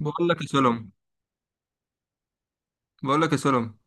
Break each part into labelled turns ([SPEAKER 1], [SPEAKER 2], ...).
[SPEAKER 1] بقول لك يا سلم بقول لك يا سلم،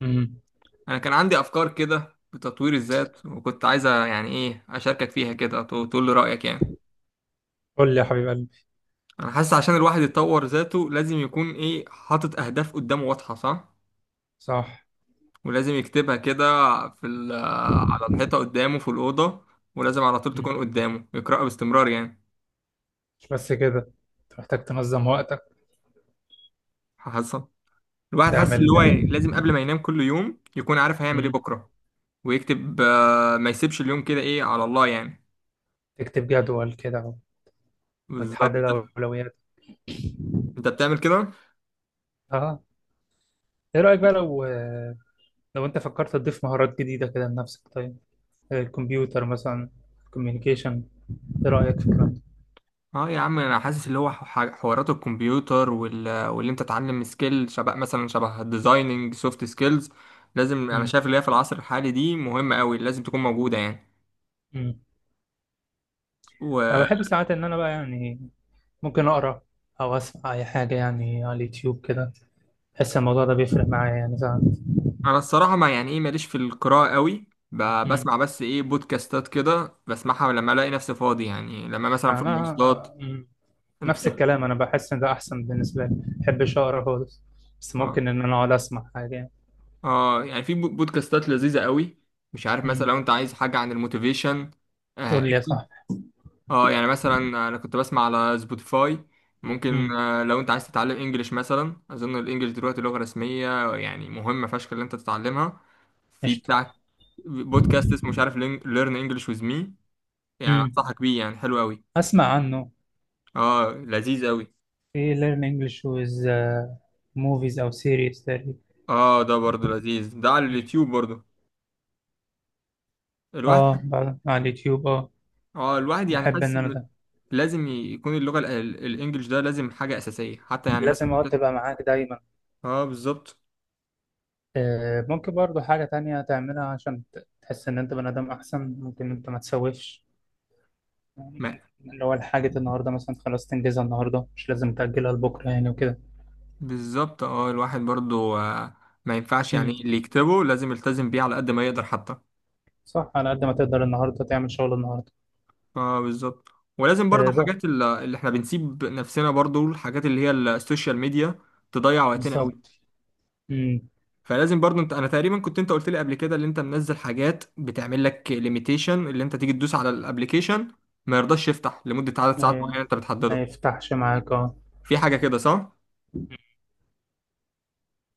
[SPEAKER 2] امم
[SPEAKER 1] انا كان عندي افكار كده بتطوير الذات وكنت عايزه يعني ايه اشاركك فيها كده تقول لي رايك يعني.
[SPEAKER 2] قول لي يا حبيب قلبي.
[SPEAKER 1] انا حاسس عشان الواحد يطور ذاته لازم يكون ايه حاطط اهداف قدامه واضحه، صح.
[SPEAKER 2] صح.
[SPEAKER 1] ولازم يكتبها كده في ال- على الحيطه قدامه في الاوضه، ولازم على طول
[SPEAKER 2] مم.
[SPEAKER 1] تكون قدامه يقراها باستمرار يعني.
[SPEAKER 2] مش بس كده، انت محتاج تنظم وقتك.
[SPEAKER 1] حاسس الواحد حاسس
[SPEAKER 2] تعمل.
[SPEAKER 1] اللي هو لازم قبل ما ينام كل يوم يكون عارف هيعمل ايه
[SPEAKER 2] مم.
[SPEAKER 1] بكره، ويكتب، ما يسيبش اليوم كده ايه على الله يعني.
[SPEAKER 2] تكتب جدول كده
[SPEAKER 1] بالظبط،
[SPEAKER 2] وتحدد اولوياتك.
[SPEAKER 1] انت بتعمل كده.
[SPEAKER 2] اه، ايه رايك بقى لو انت فكرت تضيف مهارات جديده كده لنفسك؟ طيب، زي الكمبيوتر مثلا، كوميونيكيشن، ايه رايك في الكلام ده؟
[SPEAKER 1] اه يا عم، انا حاسس اللي هو حوارات الكمبيوتر واللي انت تتعلم سكيل، شبه الديزايننج، سوفت سكيلز. انا
[SPEAKER 2] مم.
[SPEAKER 1] شايف اللي هي في العصر الحالي دي مهمة قوي، لازم تكون موجودة يعني.
[SPEAKER 2] مم. انا
[SPEAKER 1] وانا
[SPEAKER 2] بحب ساعات ان انا بقى يعني ممكن اقرا او اسمع اي حاجه يعني على اليوتيوب كده. بحس الموضوع ده بيفرق معايا يعني ساعات.
[SPEAKER 1] الصراحة ما يعني ايه ماليش في القراءة قوي. بسمع بس ايه بودكاستات كده بسمعها لما الاقي نفسي فاضي يعني، لما مثلا في المواصلات.
[SPEAKER 2] انا مم.
[SPEAKER 1] انت؟
[SPEAKER 2] نفس الكلام، انا بحس ان ده احسن بالنسبه لي، ما بحبش اقرا خالص بس
[SPEAKER 1] اه،
[SPEAKER 2] ممكن ان انا اقعد اسمع حاجه يعني.
[SPEAKER 1] اه، يعني في بودكاستات لذيذة قوي. مش عارف مثلا،
[SPEAKER 2] مم.
[SPEAKER 1] لو انت عايز حاجة عن الموتيفيشن،
[SPEAKER 2] قول لي يا صاحبي.
[SPEAKER 1] اه يعني مثلا انا كنت بسمع على سبوتيفاي. ممكن،
[SPEAKER 2] مم.
[SPEAKER 1] لو انت عايز تتعلم انجليش مثلا، اظن الانجليش دلوقتي لغة رسمية، يعني مهمة فشخ اللي انت تتعلمها. في
[SPEAKER 2] قشطه.
[SPEAKER 1] بتاع بودكاست اسمه مش عارف ليرن انجليش ويز مي، يعني
[SPEAKER 2] مم.
[SPEAKER 1] انصحك بيه، يعني حلو قوي.
[SPEAKER 2] اسمع عنه.
[SPEAKER 1] اه لذيذ قوي.
[SPEAKER 2] في learn English with movies او series تقريبا.
[SPEAKER 1] اه ده برضه لذيذ، ده على
[SPEAKER 2] مم.
[SPEAKER 1] اليوتيوب برضه. الواحد
[SPEAKER 2] اه بعد على اليوتيوب اه،
[SPEAKER 1] اه الواحد يعني
[SPEAKER 2] بحب
[SPEAKER 1] حاسس
[SPEAKER 2] ان انا
[SPEAKER 1] ان
[SPEAKER 2] ده
[SPEAKER 1] لازم يكون اللغة الانجليش ده لازم حاجة اساسية، حتى يعني مثلا
[SPEAKER 2] لازم اقعد
[SPEAKER 1] ممكن-
[SPEAKER 2] تبقى معاك دايما.
[SPEAKER 1] اه بالظبط.
[SPEAKER 2] آه، ممكن برضو حاجه تانية تعملها عشان تحس ان انت بني ادم احسن. ممكن انت ما تسوفش يعني، اللي هو الحاجة النهاردة مثلا خلاص تنجزها النهاردة، مش لازم تأجلها لبكرة يعني وكده.
[SPEAKER 1] بالظبط، اه الواحد برضو، ما ينفعش يعني
[SPEAKER 2] امم
[SPEAKER 1] اللي يكتبه لازم يلتزم بيه على قد ما يقدر حتى.
[SPEAKER 2] صح، على قد ما تقدر النهاردة تعمل شغل النهاردة.
[SPEAKER 1] اه بالظبط. ولازم برضو
[SPEAKER 2] آه بقى.
[SPEAKER 1] حاجات اللي احنا بنسيب نفسنا برضو، الحاجات اللي هي السوشيال ميديا تضيع وقتنا
[SPEAKER 2] بالظبط.
[SPEAKER 1] قوي.
[SPEAKER 2] امم
[SPEAKER 1] فلازم برضو انت، انا تقريبا كنت انت قلت لي قبل كده اللي انت منزل حاجات بتعمل لك ليميتيشن، اللي انت تيجي تدوس على الابليكيشن ما يرضاش يفتح لمدة عدد ساعات
[SPEAKER 2] آه،
[SPEAKER 1] معينة انت
[SPEAKER 2] ما
[SPEAKER 1] بتحدده.
[SPEAKER 2] يفتحش معاك اه.
[SPEAKER 1] في حاجة كده صح؟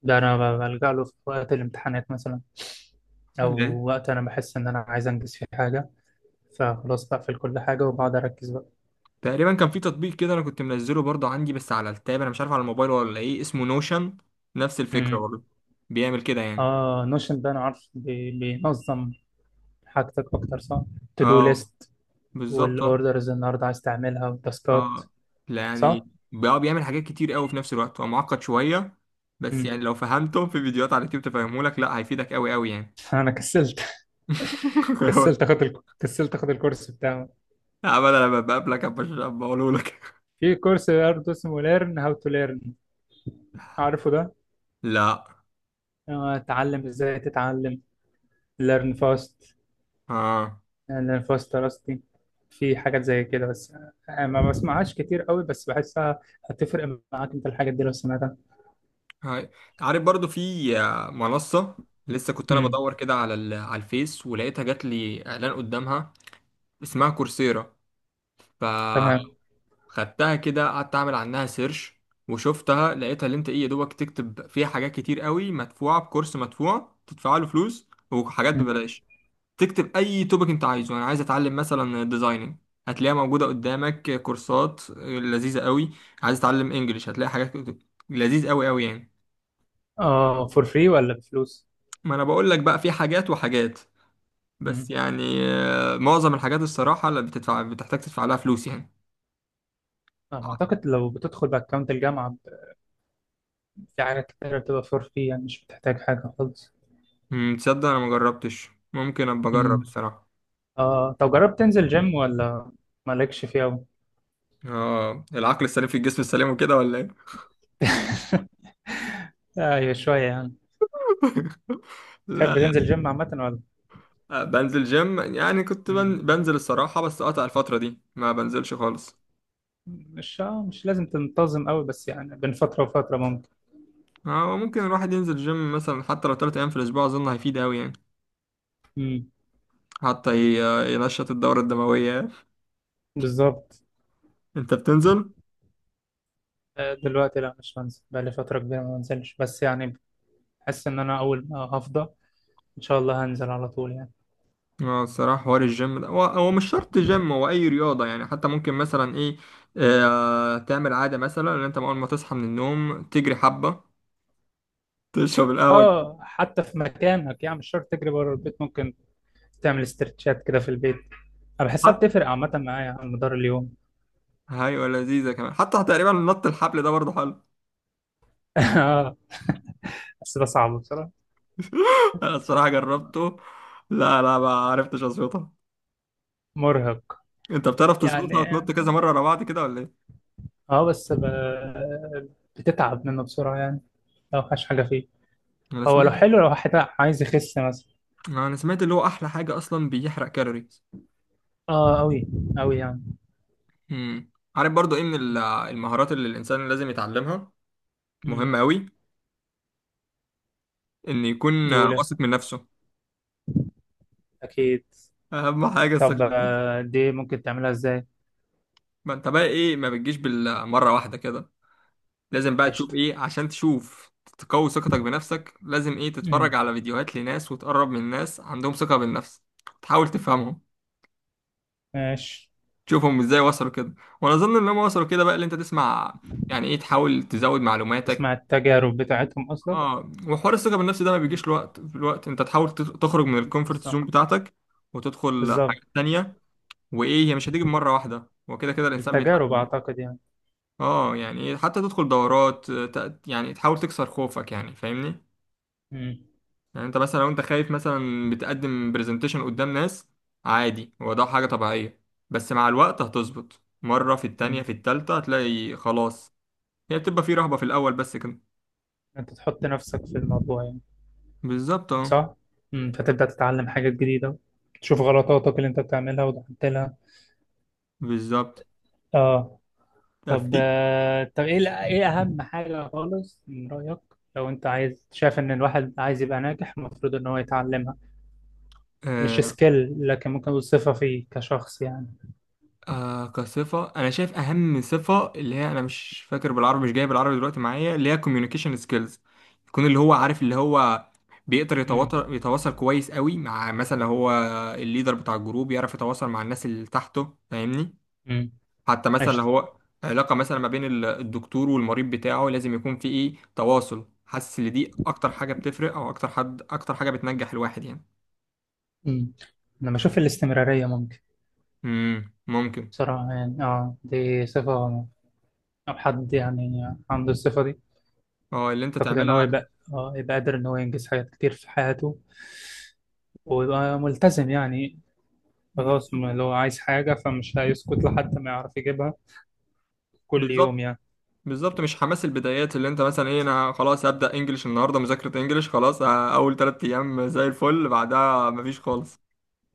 [SPEAKER 2] ده أنا بلجأ له في وقت الامتحانات مثلا، أو وقت أنا بحس إن أنا عايز أنجز فيه حاجة، فخلاص بقفل كل حاجة وبقعد أركز بقى.
[SPEAKER 1] تقريبا كان في تطبيق كده انا كنت منزله برضه عندي، بس على التاب، انا مش عارف على الموبايل ولا ايه، اسمه نوشن. نفس الفكره
[SPEAKER 2] امم
[SPEAKER 1] برضه، بيعمل كده يعني.
[SPEAKER 2] اه، نوشن ده أنا عارف بينظم حاجتك أكتر صح؟ تو دو
[SPEAKER 1] اه
[SPEAKER 2] ليست
[SPEAKER 1] بالظبط، اه،
[SPEAKER 2] والأوردرز النهاردة عايز تعملها والتاسكات.
[SPEAKER 1] آه. لا،
[SPEAKER 2] صح؟
[SPEAKER 1] يعني بقى بيعمل حاجات كتير قوي في نفس الوقت، هو معقد شويه، بس يعني لو فهمته في فيديوهات على اليوتيوب تفهمه لك، لا هيفيدك قوي قوي يعني.
[SPEAKER 2] انا كسلت. كسلت اخد كسلت اخد الكورس بتاعه.
[SPEAKER 1] عمل، انا لما بقابلك بقوله لك.
[SPEAKER 2] في كورس برضه اسمه ليرن هاو تو ليرن، عارفه ده؟
[SPEAKER 1] لا،
[SPEAKER 2] آه، اتعلم ازاي تتعلم. ليرن فاست.
[SPEAKER 1] اه.
[SPEAKER 2] ليرن فاست راستي. في حاجات زي كده، بس آه، ما بسمعهاش كتير قوي بس بحسها هتفرق معاك انت الحاجات دي لو سمعتها.
[SPEAKER 1] هاي. عارف برضو في، منصة، لسه كنت انا
[SPEAKER 2] امم
[SPEAKER 1] بدور كده على الفيس، ولقيتها جات لي اعلان قدامها، اسمها كورسيرا، فخدتها.
[SPEAKER 2] تمام.
[SPEAKER 1] كده قعدت اعمل عنها سيرش، وشفتها، لقيتها اللي انت ايه يا دوبك تكتب فيها حاجات كتير قوي، مدفوعه بكورس مدفوع تدفع له فلوس، وحاجات
[SPEAKER 2] مم.
[SPEAKER 1] ببلاش. تكتب اي توبك انت عايزه، انا عايز اتعلم مثلا ديزايننج، هتلاقيها موجوده قدامك كورسات لذيذه قوي. عايز اتعلم انجليش هتلاقي حاجات لذيذ قوي قوي يعني.
[SPEAKER 2] اه، فور فري ولا بفلوس؟
[SPEAKER 1] ما انا بقول لك بقى في حاجات وحاجات، بس
[SPEAKER 2] امم
[SPEAKER 1] يعني، معظم الحاجات الصراحه اللي بتدفع بتحتاج تدفع لها فلوس يعني.
[SPEAKER 2] آه، اعتقد لو بتدخل باكونت الجامعه في حاجات كتير بتبقى فور فري يعني مش بتحتاج حاجه خالص.
[SPEAKER 1] تصدق انا ما جربتش، ممكن ابقى اجرب
[SPEAKER 2] امم
[SPEAKER 1] الصراحه.
[SPEAKER 2] اه، طب جربت تنزل جيم ولا مالكش فيه أوي؟
[SPEAKER 1] اه العقل السليم في الجسم السليم وكده ولا ايه؟
[SPEAKER 2] ايوه شوية يعني. تحب
[SPEAKER 1] لا،
[SPEAKER 2] تنزل جيم عامة ولا؟
[SPEAKER 1] لا، بنزل جيم، يعني كنت
[SPEAKER 2] مم.
[SPEAKER 1] بنزل الصراحه، بس قطع الفتره دي ما بنزلش خالص.
[SPEAKER 2] مش مش لازم تنتظم أوي بس يعني بين فترة وفترة ممكن.
[SPEAKER 1] اه ممكن الواحد ينزل جيم مثلا حتى لو 3 ايام في الاسبوع، اظن هيفيد قوي يعني،
[SPEAKER 2] مم.
[SPEAKER 1] حتى ينشط الدوره الدمويه يعني.
[SPEAKER 2] بالظبط.
[SPEAKER 1] انت بتنزل؟
[SPEAKER 2] آه، دلوقتي لا مش بنزل، بقالي فترة كبيرة ما بنزلش، بس يعني بحس إن أنا أول ما هفضى إن شاء الله هنزل على طول يعني.
[SPEAKER 1] اه الصراحه حوار الجيم ده، هو هو مش شرط جيم، هو اي رياضه يعني. حتى ممكن مثلا ايه، تعمل عاده مثلا ان انت اول ما تصحى من النوم تجري حبه، تشرب القهوة.
[SPEAKER 2] اه، حتى في مكانك يعني مش شرط تجري بره البيت، ممكن تعمل استرتشات كده في البيت. أنا بحسها
[SPEAKER 1] حتى
[SPEAKER 2] بتفرق عامة معايا على مدار اليوم.
[SPEAKER 1] أيوة، لذيذة كمان، حتى تقريبا نط الحبل ده برضه حلو.
[SPEAKER 2] اه بس ده صعب بصراحة.
[SPEAKER 1] أنا الصراحة جربته، لا لا ما عرفتش أظبطها.
[SPEAKER 2] مرهق
[SPEAKER 1] أنت بتعرف تظبطها
[SPEAKER 2] يعني.
[SPEAKER 1] وتنط كذا مرة ورا بعض كده ولا إيه؟
[SPEAKER 2] اه بس بتتعب منه بسرعة يعني لو مفيهاش حاجة فيه.
[SPEAKER 1] أنا
[SPEAKER 2] هو لو
[SPEAKER 1] سمعت
[SPEAKER 2] حلو لو واحد عايز يخس مثلا.
[SPEAKER 1] أنا سمعت اللي هو أحلى حاجة أصلا بيحرق كالوريز.
[SPEAKER 2] اه أوي، أوي يعني.
[SPEAKER 1] امم عارف برضه إيه من المهارات اللي الإنسان لازم يتعلمها،
[SPEAKER 2] امم
[SPEAKER 1] مهمة أوي، إن يكون
[SPEAKER 2] قول يا
[SPEAKER 1] واثق
[SPEAKER 2] سلام.
[SPEAKER 1] من نفسه.
[SPEAKER 2] أكيد.
[SPEAKER 1] أهم حاجة الثقة
[SPEAKER 2] طب
[SPEAKER 1] بالنفس.
[SPEAKER 2] آه، دي ممكن تعملها إزاي؟
[SPEAKER 1] ما أنت بقى إيه، ما بتجيش بالمرة واحدة كده. لازم بقى تشوف
[SPEAKER 2] قشطة.
[SPEAKER 1] ايه عشان تشوف تقوي ثقتك بنفسك. لازم ايه تتفرج
[SPEAKER 2] امم
[SPEAKER 1] على فيديوهات لناس، وتقرب من ناس عندهم ثقة بالنفس، تحاول تفهمهم،
[SPEAKER 2] ماشي.
[SPEAKER 1] تشوفهم ازاي وصلوا كده. وانا اظن ان هم وصلوا كده بقى اللي انت تسمع، يعني ايه تحاول تزود معلوماتك.
[SPEAKER 2] تسمع التجارب بتاعتهم أصلا.
[SPEAKER 1] اه وحوار الثقة بالنفس ده ما
[SPEAKER 2] مم.
[SPEAKER 1] بيجيش الوقت في الوقت، انت تحاول تخرج من الكومفورت زون
[SPEAKER 2] بالظبط.
[SPEAKER 1] بتاعتك، وتدخل
[SPEAKER 2] بالظبط.
[SPEAKER 1] حاجات تانية، وايه هي مش هتيجي مرة واحدة، وكده كده الانسان
[SPEAKER 2] التجارب
[SPEAKER 1] بيتعلم.
[SPEAKER 2] أعتقد يعني.
[SPEAKER 1] اه يعني إيه، حتى تدخل دورات، يعني تحاول تكسر خوفك، يعني فاهمني،
[SPEAKER 2] امم
[SPEAKER 1] يعني انت مثلا لو انت خايف مثلا بتقدم برزنتيشن قدام ناس، عادي هو ده حاجة طبيعية. بس مع الوقت هتظبط، مرة في التانية
[SPEAKER 2] امم
[SPEAKER 1] في التالتة هتلاقي خلاص. هي بتبقى في رهبة في الأول بس كده.
[SPEAKER 2] أنت تحط نفسك في الموضوع يعني
[SPEAKER 1] بالظبط اه.
[SPEAKER 2] صح؟ مم. فتبدأ تتعلم حاجات جديدة، تشوف غلطاتك اللي انت بتعملها وتعدلها.
[SPEAKER 1] بالظبط.
[SPEAKER 2] اه.
[SPEAKER 1] طب
[SPEAKER 2] طب
[SPEAKER 1] في،
[SPEAKER 2] آه، طب ايه ايه اهم حاجة خالص من رأيك لو انت عايز شايف ان الواحد عايز يبقى ناجح المفروض ان هو يتعلمها؟ مش
[SPEAKER 1] آه،
[SPEAKER 2] سكيل لكن ممكن نقول صفة فيه كشخص يعني.
[SPEAKER 1] كصفة أنا شايف أهم صفة اللي هي أنا مش فاكر بالعربي، مش جايب العربي دلوقتي معايا، اللي هي communication skills. يكون اللي هو عارف اللي هو بيقدر
[SPEAKER 2] امم
[SPEAKER 1] يتواصل كويس قوي مع، مثلا لو هو الليدر بتاع الجروب يعرف يتواصل مع الناس اللي تحته، فاهمني.
[SPEAKER 2] امم
[SPEAKER 1] حتى مثلا لو
[SPEAKER 2] قشطة.
[SPEAKER 1] هو علاقة مثلا ما بين الدكتور والمريض بتاعه، لازم يكون في إيه تواصل. حاسس إن دي أكتر حاجة بتفرق، أو أكتر حاجة بتنجح الواحد يعني.
[SPEAKER 2] امم انا بشوف الاستمرارية ممكن،
[SPEAKER 1] ممكن.
[SPEAKER 2] بصراحة يعني. اه، دي صفة لو حد يعني عنده الصفة دي
[SPEAKER 1] اه اللي أنت
[SPEAKER 2] اعتقد ان هو
[SPEAKER 1] تعملها.
[SPEAKER 2] يبقى اه يبقى قادر ان هو ينجز حاجات كتير في حياته ويبقى ملتزم يعني. خلاص،
[SPEAKER 1] بالظبط،
[SPEAKER 2] لو عايز حاجة فمش هيسكت لحد ما يعرف يجيبها كل يوم
[SPEAKER 1] بالظبط،
[SPEAKER 2] يعني.
[SPEAKER 1] بالظبط. مش حماس البدايات اللي انت مثلا ايه، انا خلاص هبدأ انجليش النهارده، مذاكرة انجليش خلاص اه، اول 3 ايام زي الفل، بعدها مفيش خالص.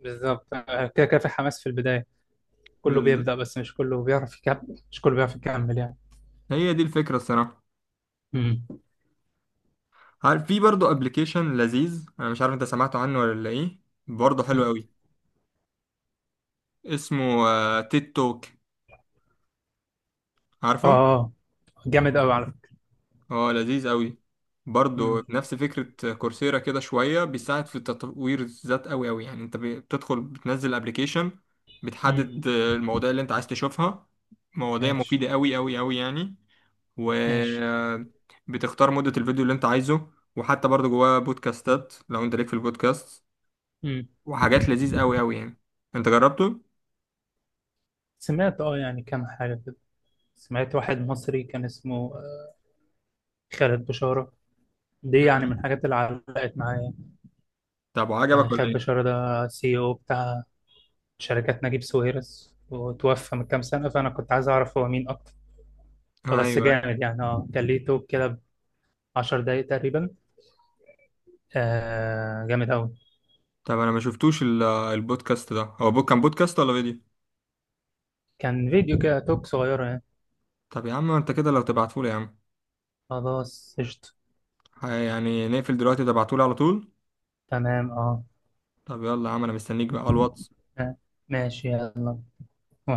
[SPEAKER 2] بالظبط، آه، كده كده في حماس في البداية، كله
[SPEAKER 1] بز-
[SPEAKER 2] بيبدأ بس مش كله بيعرف يكمل، مش كله بيعرف يكمل يعني.
[SPEAKER 1] هي دي الفكرة الصراحة.
[SPEAKER 2] امم
[SPEAKER 1] عارف في برضه ابلكيشن لذيذ، انا مش عارف انت سمعت عنه ولا ايه، برضه حلو
[SPEAKER 2] أمم.
[SPEAKER 1] قوي، اسمه تيك توك،
[SPEAKER 2] اه
[SPEAKER 1] عارفه؟
[SPEAKER 2] آه، جامد قوي على فكرة.
[SPEAKER 1] اه لذيذ قوي. برضه
[SPEAKER 2] امم
[SPEAKER 1] نفس فكرة كورسيرا كده، شوية بيساعد في تطوير الذات قوي قوي يعني. انت بتدخل بتنزل ابلكيشن،
[SPEAKER 2] أمم.
[SPEAKER 1] بتحدد المواضيع اللي انت عايز تشوفها، مواضيع
[SPEAKER 2] ماشي.
[SPEAKER 1] مفيدة قوي قوي قوي يعني. و
[SPEAKER 2] ماشي.
[SPEAKER 1] بتختار مدة الفيديو اللي انت عايزه، وحتى برضه جواه بودكاستات لو انت ليك في البودكاست،
[SPEAKER 2] امم
[SPEAKER 1] وحاجات لذيذ قوي قوي يعني. انت جربته؟
[SPEAKER 2] سمعت اه يعني كام حاجة كده. سمعت واحد مصري كان اسمه خالد بشارة، دي يعني من
[SPEAKER 1] مم.
[SPEAKER 2] الحاجات اللي علقت معايا.
[SPEAKER 1] طب
[SPEAKER 2] كان
[SPEAKER 1] وعجبك ولا
[SPEAKER 2] خالد
[SPEAKER 1] ايه؟
[SPEAKER 2] بشارة ده سي او بتاع شركات نجيب ساويرس وتوفى من كام سنة، فأنا كنت عايز أعرف هو مين أكتر. آه، بس
[SPEAKER 1] ايوه.
[SPEAKER 2] جامد يعني. اه كان ليه توك كده 10 دقايق تقريبا. آه جامد أوي.
[SPEAKER 1] طب انا ما شفتوش البودكاست ده، هو كان بودكاست ولا فيديو؟
[SPEAKER 2] كان فيديو كده توك صغيرة يعني.
[SPEAKER 1] طب يا عم انت كده لو تبعتهولي يا عم،
[SPEAKER 2] خلاص قشطة.
[SPEAKER 1] يعني نقفل دلوقتي تبعتهولي على طول.
[SPEAKER 2] تمام اه.
[SPEAKER 1] طب يلا يا عم انا مستنيك بقى على الواتس
[SPEAKER 2] آه، ماشي يلا.